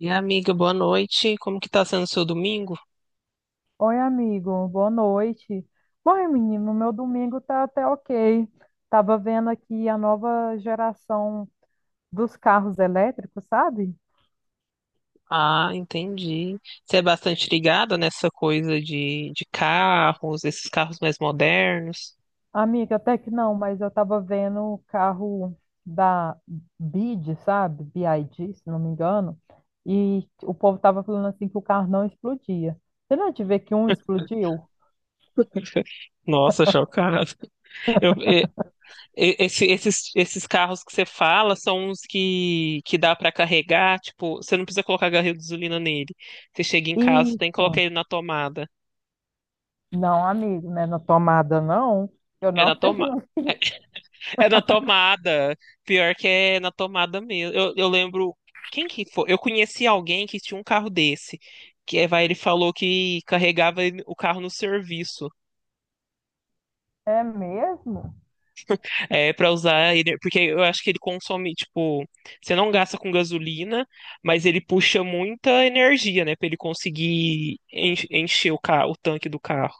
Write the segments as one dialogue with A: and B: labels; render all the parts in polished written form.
A: E amiga, boa noite. Como que tá sendo o seu domingo?
B: Oi, amigo, boa noite. Bom, menino, meu domingo tá até ok. Tava vendo aqui a nova geração dos carros elétricos, sabe?
A: Ah, entendi. Você é bastante ligada nessa coisa de carros, esses carros mais modernos.
B: Amiga, até que não, mas eu tava vendo o carro da BID, sabe? BID, se não me engano. E o povo tava falando assim que o carro não explodia. Você não é de ver que um explodiu?
A: Nossa, chocado. Eu, e- esse- esses, esses carros que você fala são uns que dá para carregar, tipo, você não precisa colocar garrafa de gasolina nele. Você chega em casa, tem que colocar
B: Isso.
A: ele na tomada.
B: Não, amigo, né? Na tomada não. Eu
A: É
B: não
A: na
B: sei.
A: tomada. É na tomada. Pior que é na tomada mesmo. Eu lembro. Quem que foi? Eu conheci alguém que tinha um carro desse. Que é, vai, ele falou que carregava o carro no serviço.
B: É mesmo?
A: É, para usar ele. Porque eu acho que ele consome, tipo. Você não gasta com gasolina, mas ele puxa muita energia, né? Pra ele conseguir encher o carro, o tanque do carro.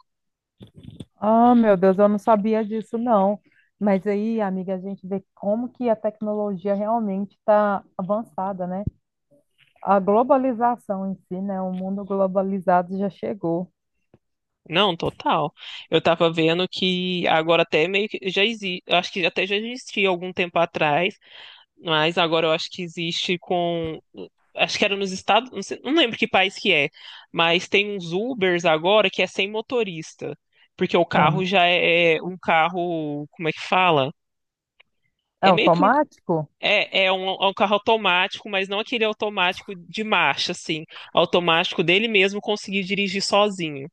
B: Ah, meu Deus, eu não sabia disso, não. Mas aí, amiga, a gente vê como que a tecnologia realmente está avançada, né? A globalização em si, né? O mundo globalizado já chegou.
A: Não, total. Eu tava vendo que agora até meio que já existe, acho que até já existia algum tempo atrás. Mas agora eu acho que existe com. Acho que era nos Estados. Não lembro que país que é. Mas tem uns Ubers agora que é sem motorista. Porque o carro
B: Não,
A: já é um carro. Como é que fala?
B: é
A: É meio que um.
B: automático?
A: É um carro automático, mas não aquele automático de marcha, assim. Automático dele mesmo conseguir dirigir sozinho.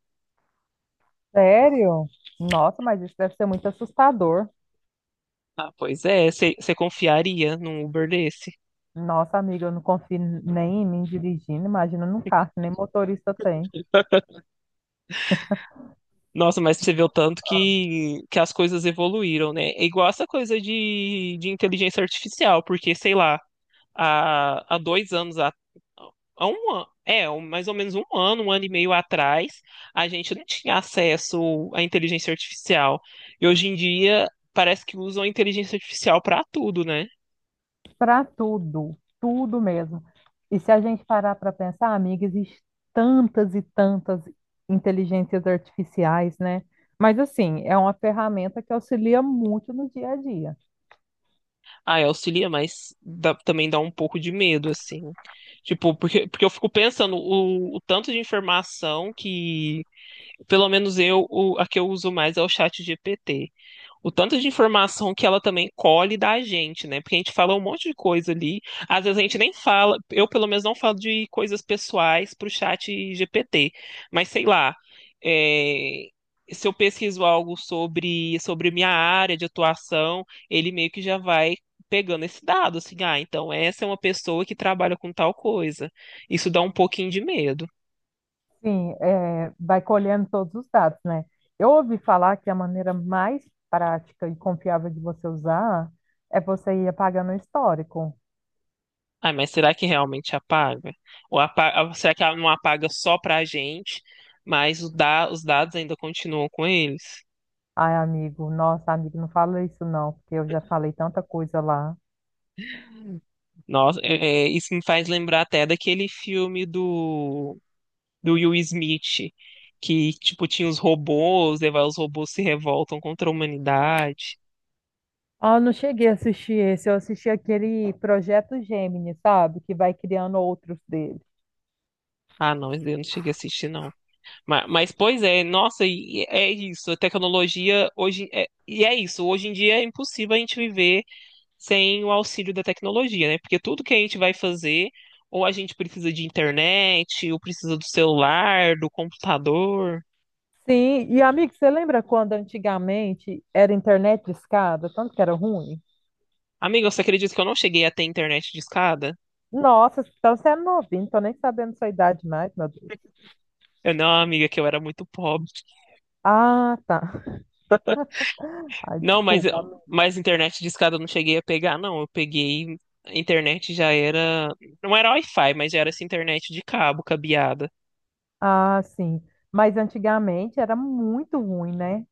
B: Sério? Nossa, mas isso deve ser muito assustador.
A: Ah, pois é. Você confiaria num Uber desse?
B: Nossa, amiga, eu não confio nem em mim dirigindo, imagina num carro que nem motorista tem.
A: Nossa, mas você vê o tanto que as coisas evoluíram, né? É igual essa coisa de inteligência artificial, porque, sei lá, há, há dois anos, há, há um ano, mais ou menos um ano e meio atrás, a gente não tinha acesso à inteligência artificial. E hoje em dia, parece que usam a inteligência artificial para tudo, né?
B: Para tudo, tudo mesmo. E se a gente parar para pensar, amiga, existem tantas inteligências artificiais, né? Mas assim, é uma ferramenta que auxilia muito no dia a dia.
A: Ah, é, auxilia, mas também dá um pouco de medo, assim. Tipo, porque eu fico pensando o tanto de informação que pelo menos eu, a que eu uso mais é o chat GPT. O tanto de informação que ela também colhe da gente, né? Porque a gente fala um monte de coisa ali. Às vezes a gente nem fala, eu pelo menos não falo de coisas pessoais pro chat GPT. Mas sei lá, é, se eu pesquiso algo sobre minha área de atuação, ele meio que já vai pegando esse dado, assim, ah, então essa é uma pessoa que trabalha com tal coisa. Isso dá um pouquinho de medo.
B: Sim, é, vai colhendo todos os dados, né? Eu ouvi falar que a maneira mais prática e confiável de você usar é você ir apagando o histórico.
A: Ah, mas será que realmente apaga? Ou será que ela não apaga só pra gente, mas os, os dados ainda continuam com eles?
B: Ai, amigo, nossa, amigo, não fala isso não, porque eu já falei tanta coisa lá.
A: Nossa, é, isso me faz lembrar até daquele filme do, do Will Smith, que, tipo, tinha os robôs, e vai, os robôs se revoltam contra a humanidade.
B: Ah, eu não cheguei a assistir esse, eu assisti aquele Projeto Gemini, sabe? Que vai criando outros dele.
A: Ah, não, esse daí eu não cheguei a assistir, não. Mas, pois é, nossa, e é isso. A tecnologia hoje. E é isso. Hoje em dia é impossível a gente viver sem o auxílio da tecnologia, né? Porque tudo que a gente vai fazer, ou a gente precisa de internet, ou precisa do celular, do computador.
B: Sim, e amigo, você lembra quando antigamente era internet de escada, tanto que era ruim?
A: Amiga, você acredita que eu não cheguei a ter internet de escada?
B: Nossa, então você é novinho, tô nem sabendo sua idade mais, meu Deus.
A: Eu não, amiga, que eu era muito pobre.
B: Ah, tá. Ai,
A: Não,
B: desculpa.
A: mas internet de escada eu não cheguei a pegar, não. Eu peguei. A internet já era. Não era Wi-Fi, mas já era essa internet de cabo, cabeada.
B: Ah, sim. Mas antigamente era muito ruim, né?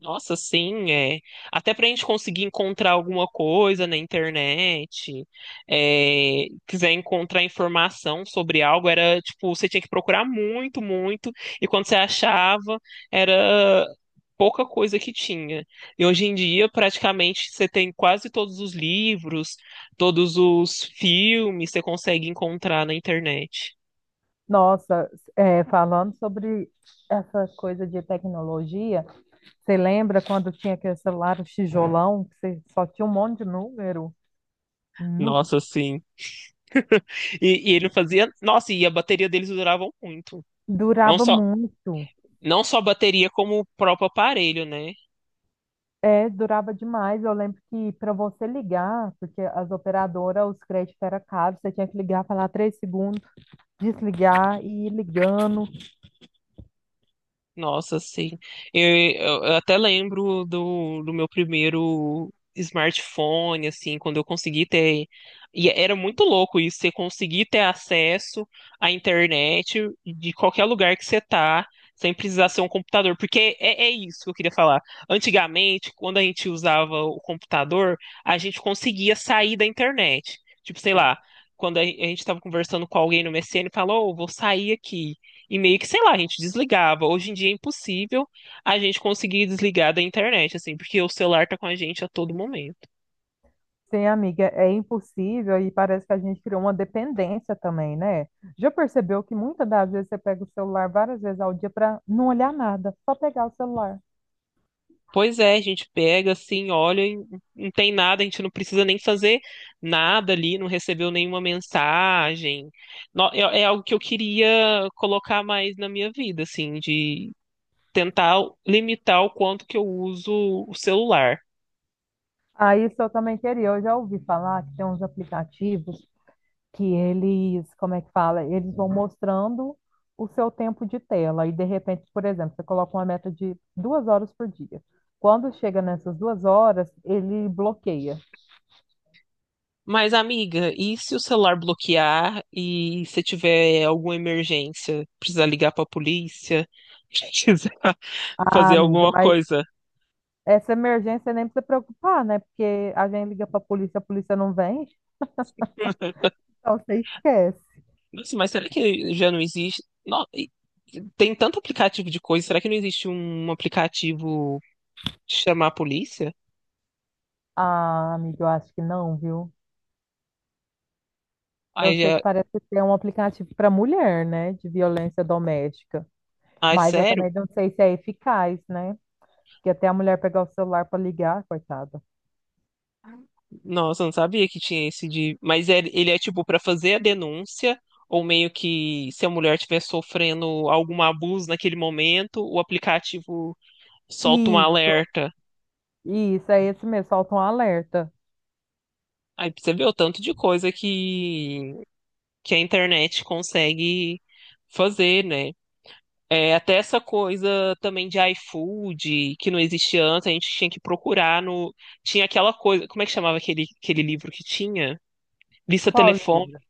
A: Nossa, sim, é. Até para a gente conseguir encontrar alguma coisa na internet, é, quiser encontrar informação sobre algo, era tipo, você tinha que procurar muito, muito, e quando você achava, era pouca coisa que tinha. E hoje em dia, praticamente, você tem quase todos os livros, todos os filmes, você consegue encontrar na internet.
B: Nossa, é, falando sobre essa coisa de tecnologia, você lembra quando tinha aquele celular o tijolão, que você só tinha um monte de número? Nu.
A: Nossa, sim. E ele fazia. Nossa, e a bateria deles durava muito. Não
B: Durava
A: só,
B: muito.
A: não só a bateria, como o próprio aparelho, né?
B: É, durava demais. Eu lembro que para você ligar, porque as operadoras, os créditos eram caros, você tinha que ligar, falar 3 segundos, desligar e ir ligando.
A: Nossa, sim. Eu até lembro do, do meu primeiro smartphone, assim, quando eu consegui ter. E era muito louco isso, você conseguir ter acesso à internet de qualquer lugar que você tá, sem precisar ser um computador. Porque é, é isso que eu queria falar. Antigamente, quando a gente usava o computador, a gente conseguia sair da internet. Tipo, sei lá, quando a gente estava conversando com alguém no MSN, falou, "Ô, vou sair aqui. E meio que, sei lá, a gente desligava. Hoje em dia é impossível a gente conseguir desligar da internet, assim, porque o celular tá com a gente a todo momento.
B: Sim, amiga, é impossível e parece que a gente criou uma dependência também, né? Já percebeu que muitas das vezes você pega o celular várias vezes ao dia para não olhar nada, só pegar o celular.
A: Pois é, a gente pega, assim, olha, e não tem nada, a gente não precisa nem fazer nada ali, não recebeu nenhuma mensagem. É é algo que eu queria colocar mais na minha vida, assim, de tentar limitar o quanto que eu uso o celular.
B: Ah, isso eu também queria. Eu já ouvi falar que tem uns aplicativos que eles, como é que fala? Eles vão mostrando o seu tempo de tela e de repente, por exemplo, você coloca uma meta de 2 horas por dia. Quando chega nessas 2 horas, ele bloqueia.
A: Mas, amiga, e se o celular bloquear e se tiver alguma emergência, precisar ligar pra polícia, precisar
B: Ah,
A: fazer
B: amiga,
A: alguma
B: mas
A: coisa?
B: essa emergência nem precisa preocupar, né? Porque a gente liga pra polícia, a polícia não vem, então você esquece.
A: Nossa, mas será que já não existe? Tem tanto aplicativo de coisa, será que não existe um aplicativo de chamar a polícia?
B: Ah, amiga, eu acho que não, viu? Eu
A: Aí
B: sei
A: já...
B: que parece que é um aplicativo para mulher, né? De violência doméstica.
A: Ai,
B: Mas eu
A: sério?
B: também não sei se é eficaz, né? Porque até a mulher pegar o celular para ligar, coitada.
A: Nossa, eu não sabia que tinha esse de. Mas ele é tipo pra fazer a denúncia, ou meio que se a mulher estiver sofrendo algum abuso naquele momento, o aplicativo solta um
B: Isso,
A: alerta.
B: isso, é esse mesmo, solta um alerta.
A: Aí pra você vê o tanto de coisa que a internet consegue fazer, né? É, até essa coisa também de iFood, que não existia antes, a gente tinha que procurar no. Tinha aquela coisa. Como é que chamava aquele livro que tinha? Lista
B: Qual
A: telefone,
B: livro?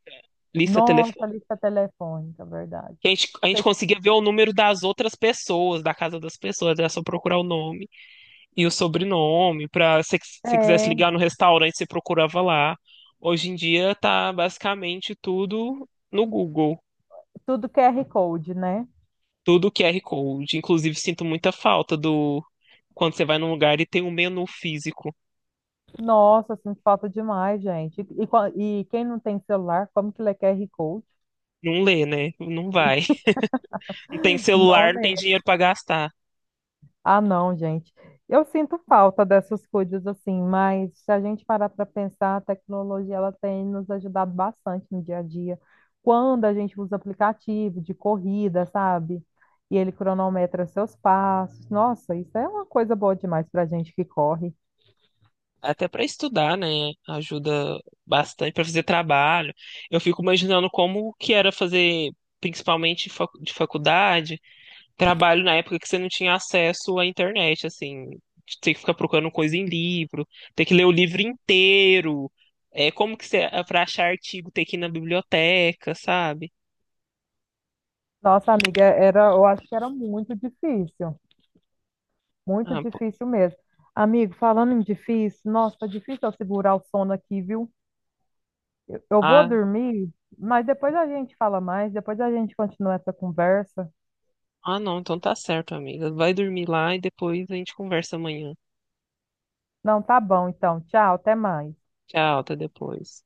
A: lista
B: Nossa,
A: telefone.
B: lista telefônica, verdade.
A: Que a gente, a gente conseguia ver o número das outras pessoas, da casa das pessoas, era só procurar o nome e o sobrenome, para se você quisesse
B: É,
A: ligar no restaurante, você procurava lá. Hoje em dia tá basicamente tudo no Google,
B: tudo QR Code, né?
A: tudo QR Code. Inclusive, sinto muita falta do quando você vai num lugar e tem um menu físico.
B: Nossa, sinto falta demais, gente. E quem não tem celular, como que lê QR Code?
A: Não lê, né? Não vai. Não tem
B: Não
A: celular, não tem
B: lê.
A: dinheiro para gastar.
B: Ah, não, gente. Eu sinto falta dessas coisas assim, mas se a gente parar para pensar, a tecnologia ela tem nos ajudado bastante no dia a dia. Quando a gente usa aplicativo de corrida, sabe? E ele cronometra seus passos. Nossa, isso é uma coisa boa demais para a gente que corre.
A: Até para estudar, né? Ajuda bastante para fazer trabalho. Eu fico imaginando como que era fazer, principalmente de faculdade trabalho na época que você não tinha acesso à internet, assim, de ter que ficar procurando coisa em livro, ter que ler o livro inteiro. É, como que você, para achar artigo, ter que ir na biblioteca, sabe?
B: Nossa, amiga, era, eu acho que era muito difícil. Muito
A: Ah, pô.
B: difícil mesmo. Amigo, falando em difícil, nossa, tá difícil eu segurar o sono aqui, viu? Eu vou
A: ah,
B: dormir, mas depois a gente fala mais, depois a gente continua essa conversa.
A: não, então tá certo, amiga. Vai dormir lá e depois a gente conversa amanhã.
B: Não, tá bom, então. Tchau, até mais.
A: Tchau, até depois.